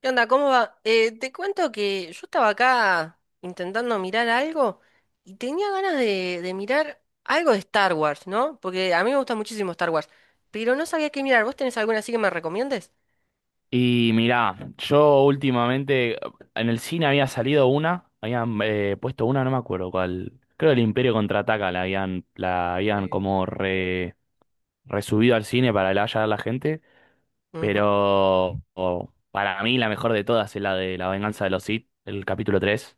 ¿Qué onda? ¿Cómo va? Te cuento que yo estaba acá intentando mirar algo y tenía ganas de mirar algo de Star Wars, ¿no? Porque a mí me gusta muchísimo Star Wars, pero no sabía qué mirar. ¿Vos tenés alguna así que me recomiendes? Y mirá, yo últimamente en el cine había salido una, habían puesto una, no me acuerdo cuál. Creo que el Imperio Contraataca la habían como resubido al cine para que la a la gente, Ujú. pero para mí la mejor de todas es la de La Venganza de los Sith, el capítulo 3.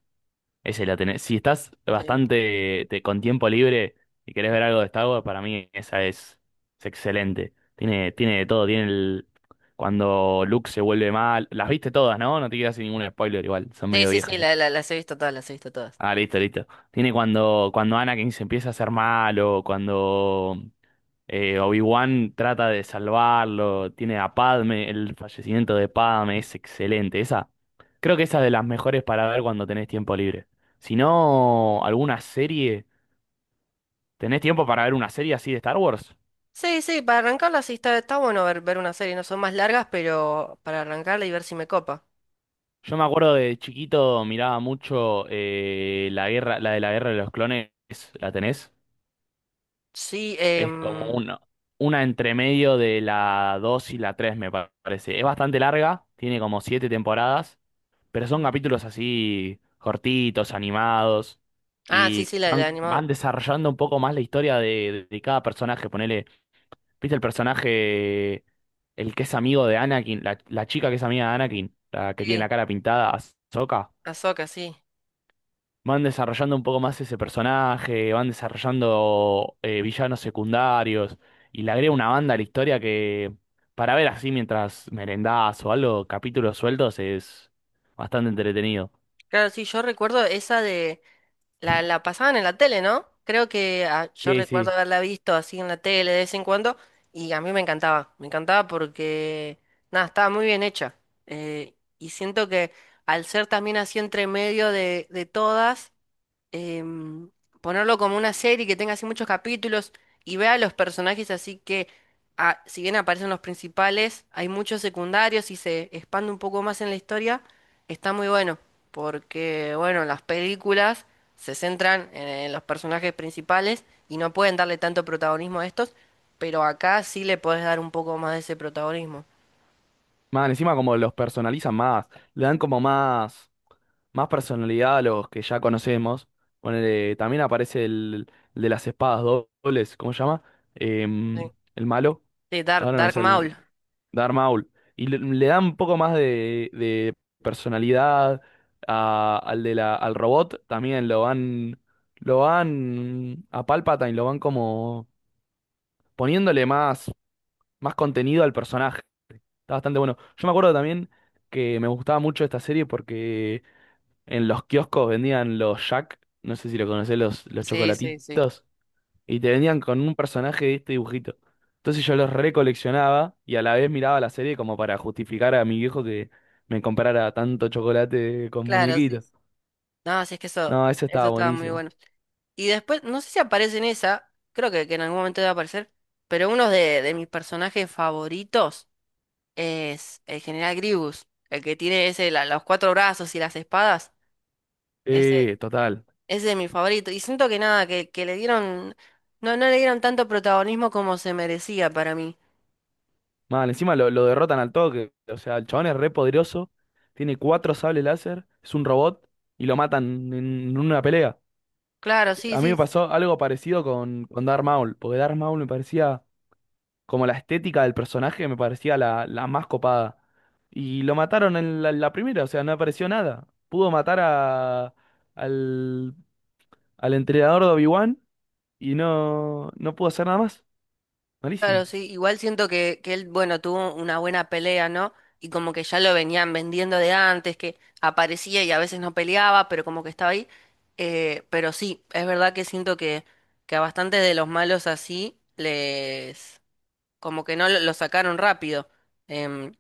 Esa la tenés. Si estás Sí, bastante con tiempo libre y querés ver algo de Star Wars, para mí es excelente. Tiene de todo. Tiene el. Cuando Luke se vuelve mal. Las viste todas, ¿no? No te quedas sin ningún spoiler igual. Son sí, medio sí, viejas sí, ya. Las he visto todas, las he visto todas. Ah, listo, listo. Tiene cuando Anakin se empieza a hacer malo. Cuando. Obi-Wan trata de salvarlo, tiene a Padme, el fallecimiento de Padme es excelente. Esa, creo que esa es de las mejores para ver cuando tenés tiempo libre. Si no, alguna serie, ¿tenés tiempo para ver una serie así de Star Wars? Sí, sí, para arrancarla sí está, está bueno ver, ver una serie, no son más largas, pero para arrancarla y ver si me copa. Yo me acuerdo de chiquito miraba mucho la guerra, la de la guerra de los clones, ¿la tenés? Sí, Es como una entre medio de la 2 y la 3 parece. Es bastante larga, tiene como 7 temporadas. Pero son mm. capítulos así cortitos, animados, Ah, sí, y sí, la animada. van desarrollando un poco más la historia de cada personaje. Ponele, ¿viste el personaje, el que es amigo de Anakin, la chica que es amiga de Anakin, la que tiene Sí, la cara pintada, Ahsoka? Ahsoka, sí. Van desarrollando un poco más ese personaje, van desarrollando villanos secundarios, y le agrega una banda a la historia que, para ver así mientras merendás o algo, capítulos sueltos, es bastante entretenido. Claro, sí, yo recuerdo esa de, la pasaban en la tele, ¿no? Creo que yo Sí, recuerdo sí. haberla visto así en la tele de vez en cuando, y a mí me encantaba porque, nada, estaba muy bien hecha. Y siento que al ser también así entre medio de todas, em, ponerlo como una serie que tenga así muchos capítulos y vea los personajes así que si bien aparecen los principales, hay muchos secundarios y se expande un poco más en la historia, está muy bueno, porque bueno, las películas se centran en los personajes principales y no pueden darle tanto protagonismo a estos, pero acá sí le podés dar un poco más de ese protagonismo. Man, encima como los personalizan más, le dan como más, más personalidad a los que ya conocemos. Ponele, también aparece el de las espadas dobles, ¿cómo se llama? Em, Sí, el malo, sí, ahora no Dark es el Maul. Darth Maul. Y le dan un poco más de personalidad al de al robot, también lo van a Palpatine, lo van como poniéndole más, más contenido al personaje. Está bastante bueno. Yo me acuerdo también que me gustaba mucho esta serie porque en los kioscos vendían los Jack, no sé si lo conocés, los Sí, sí, sí. chocolatitos, y te vendían con un personaje de este dibujito. Entonces yo los recoleccionaba y a la vez miraba la serie como para justificar a mi viejo que me comprara tanto chocolate con Claro, sí. muñequitos. Sí. No, sí, es que eso, No, ese eso estaba estaba muy buenísimo. bueno. Y después, no sé si aparece en esa, creo que en algún momento debe aparecer, pero uno de mis personajes favoritos es el general Grievous, el que tiene ese, los cuatro brazos y las espadas. Ese, Total. ese es mi favorito. Y siento que nada, que le dieron, no, no le dieron tanto protagonismo como se merecía para mí. Mal, encima lo derrotan al toque. O sea, el chabón es re poderoso, tiene cuatro sables láser, es un robot y lo matan en una pelea. Claro, sí, A mí sí. me pasó algo parecido con Darth Maul, porque Darth Maul me parecía como la estética del personaje me parecía la más copada. Y lo mataron en la primera, o sea, no apareció nada. Pudo matar al, al entrenador de Obi-Wan y no pudo hacer nada más. Claro, Malísimo. sí, igual siento que él, bueno, tuvo una buena pelea, ¿no? Y como que ya lo venían vendiendo de antes, que aparecía y a veces no peleaba, pero como que estaba ahí. Pero sí, es verdad que siento que a bastantes de los malos así les... como que no lo, lo sacaron rápido. Em,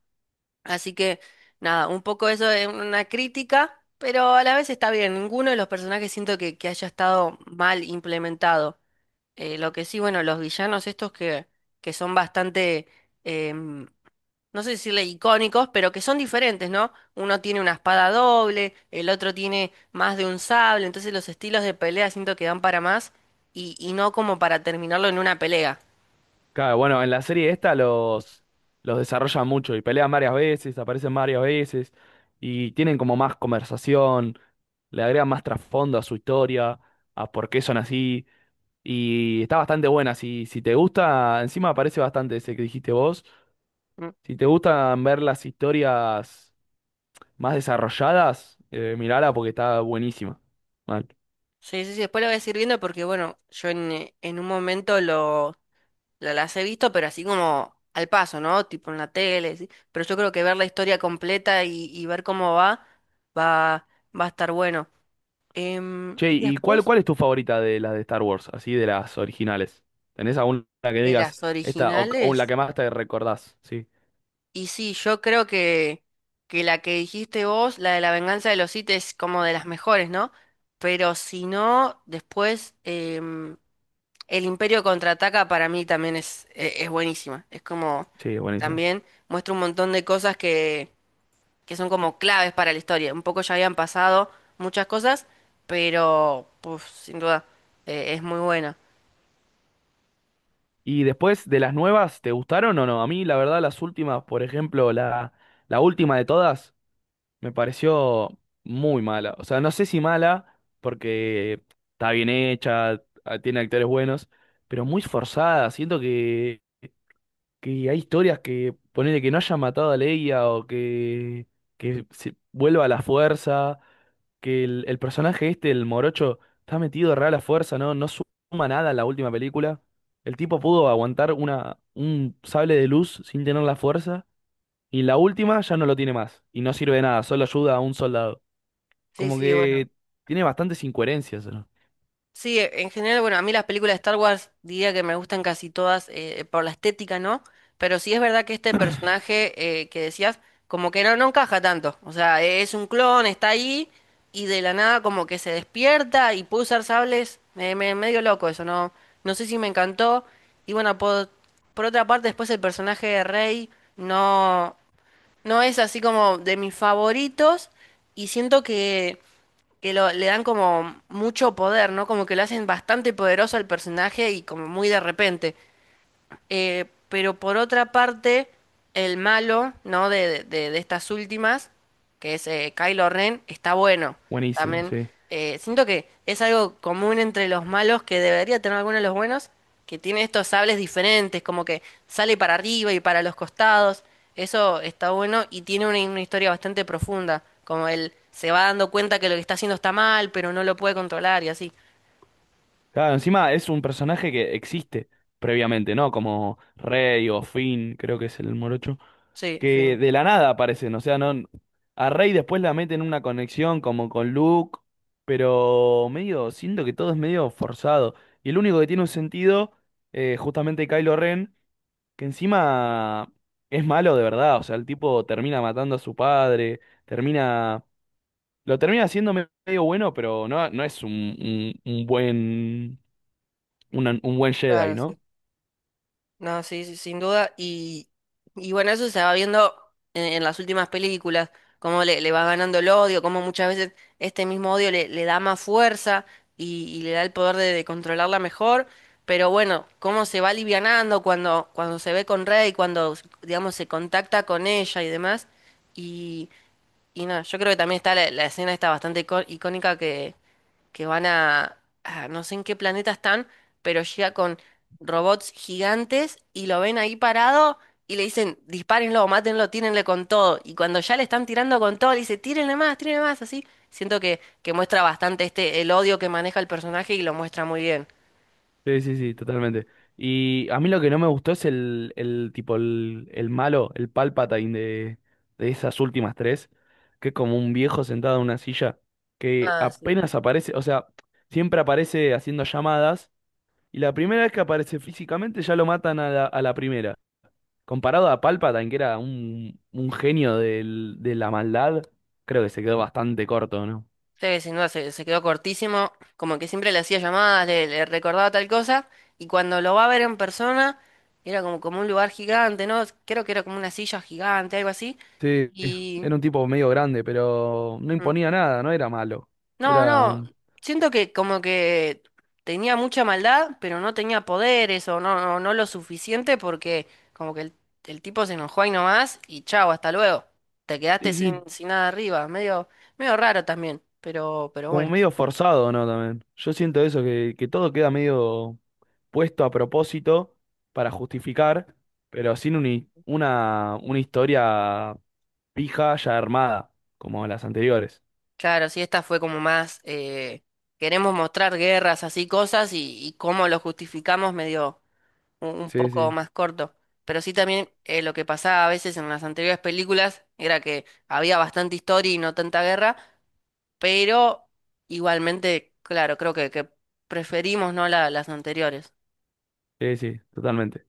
Así que, nada, un poco eso es una crítica, pero a la vez está bien. Ninguno de los personajes siento que haya estado mal implementado. Lo que sí, bueno, los villanos estos que son bastante, em, no sé decirle icónicos, pero que son diferentes, ¿no? Uno tiene una espada doble, el otro tiene más de un sable, entonces los estilos de pelea siento que dan para más y no como para terminarlo en una pelea. Claro, bueno, en la serie esta los desarrollan mucho y pelean varias veces, aparecen varias veces y tienen como más conversación. Le agrega más trasfondo a su historia, a por qué son así. Y está bastante buena. Si, si te gusta, encima aparece bastante ese que dijiste vos. Mm. Si te gustan ver las historias más desarrolladas, mirala porque está buenísima. Mal. Sí, sí, sí, después lo voy a seguir viendo porque, bueno, yo en un momento lo, las he visto, pero así como al paso, ¿no? Tipo en la tele, ¿sí? Pero yo creo que ver la historia completa y ver cómo va, va, va a estar bueno. Che, Y ¿y después cuál es tu favorita de las de Star Wars? Así de las originales. ¿Tenés alguna que de digas las esta o la originales, que más te recordás? Sí, y sí, yo creo que la que dijiste vos, la de La Venganza de los Sith, es como de las mejores, ¿no? Pero si no, después em, El Imperio Contraataca para mí también es buenísima. Es como sí, buenísima. también muestra un montón de cosas que son como claves para la historia. Un poco ya habían pasado muchas cosas, pero puf, sin duda es muy buena. Y después de las nuevas, ¿te gustaron o no? A mí, la verdad, las últimas, por ejemplo, la última de todas. Me pareció muy mala. O sea, no sé si mala, porque está bien hecha, tiene actores buenos, pero muy forzada. Siento que hay historias que ponele que no haya matado a Leia o que se vuelva a la fuerza, que el personaje este, el morocho, está metido re a la fuerza, ¿no? No suma nada en la última película. El tipo pudo aguantar una, un sable de luz sin tener la fuerza. Y la última ya no lo tiene más. Y no sirve de nada, solo ayuda a un soldado. Sí, Como sí, bueno. que tiene bastantes incoherencias, ¿no? Sí, en general, bueno, a mí las películas de Star Wars diría que me gustan casi todas por la estética, ¿no? Pero sí es verdad que este personaje que decías, como que no, no encaja tanto. O sea, e, es un clon, está ahí y de la nada como que se despierta y puede usar sables. Me, medio loco eso, ¿no? No sé si me encantó. Y bueno, por otra parte, después el personaje de Rey no, no es así como de mis favoritos y siento que lo, le dan como mucho poder, ¿no? Como que lo hacen bastante poderoso al personaje y como muy de repente. Pero por otra parte, el malo, ¿no? De, de estas últimas, que es Kylo Ren, está bueno. Buenísimo, También sí. Siento que es algo común entre los malos que debería tener algunos de los buenos, que tiene estos sables diferentes, como que sale para arriba y para los costados. Eso está bueno y tiene una historia bastante profunda, como él se va dando cuenta que lo que está haciendo está mal, pero no lo puede controlar y así. Claro, encima es un personaje que existe previamente, ¿no? Como Rey o Finn, creo que es el morocho. Sí, Que fin. de la nada aparecen, o sea, no. A Rey después la meten en una conexión como con Luke. Pero medio, siento que todo es medio forzado. Y el único que tiene un sentido, justamente Kylo Ren. Que encima es malo de verdad, o sea, el tipo termina matando a su padre, termina, lo termina haciendo medio bueno, pero no es un buen, un buen Jedi, Claro, sí. ¿no? No, sí, sí, sin duda. Y bueno, eso se va viendo en las últimas películas, cómo le, le va ganando el odio, cómo muchas veces este mismo odio le, le da más fuerza y le da el poder de controlarla mejor. Pero bueno, cómo se va alivianando cuando, cuando se ve con Rey, cuando, digamos, se contacta con ella y demás. Y, y nada, yo creo que también está la, la escena está bastante icónica que van a no sé en qué planeta están, pero llega con robots gigantes y lo ven ahí parado y le dicen, dispárenlo, mátenlo, tírenle con todo. Y cuando ya le están tirando con todo, le dice, tírenle más, así. Siento que muestra bastante este, el odio que maneja el personaje y lo muestra muy bien. Sí, sí, sí, totalmente. Y a mí lo que no me gustó es el tipo, el malo, el Palpatine de esas últimas tres, que es como un viejo sentado en una silla, que Ah, sí. apenas aparece, o sea, siempre aparece haciendo llamadas. Y la primera vez que aparece físicamente ya lo matan a a la primera. Comparado a Palpatine, que era un genio de la maldad, creo que se quedó bastante corto, ¿no? Sí, sin duda se, se quedó cortísimo, como que siempre le hacía llamadas, le recordaba tal cosa, y cuando lo va a ver en persona, era como, como un lugar gigante, ¿no? Creo que era como una silla gigante, algo así, Sí, y... era un tipo medio grande, pero no mm, imponía nada, no era malo. no, Era, no, siento que como que tenía mucha maldad, pero no tenía poderes o no, no, no lo suficiente porque como que el tipo se enojó ahí nomás y chao, hasta luego. Te quedaste sí, sin, sí, sin nada arriba, medio, medio raro también, pero como bueno. medio forzado, ¿no? También. Yo siento eso, que todo queda medio puesto a propósito para justificar, pero sin un una historia pija ya armada, como las anteriores. Claro, sí, esta fue como más, queremos mostrar guerras, así cosas, y cómo lo justificamos medio un Sí, poco sí. más corto. Pero sí también lo que pasaba a veces en las anteriores películas era que había bastante historia y no tanta guerra, pero igualmente, claro, creo que preferimos no las anteriores. Sí, sí, totalmente.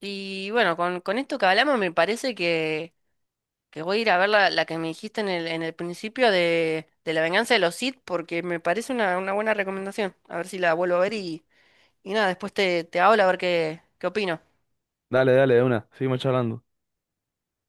Y bueno, con esto que hablamos me parece que voy a ir a ver la, la que me dijiste en el principio de La Venganza de los Sith, porque me parece una buena recomendación. A ver si la vuelvo a ver y nada, después te, te hablo a ver qué, qué opino. Dale, dale, de una. Seguimos charlando.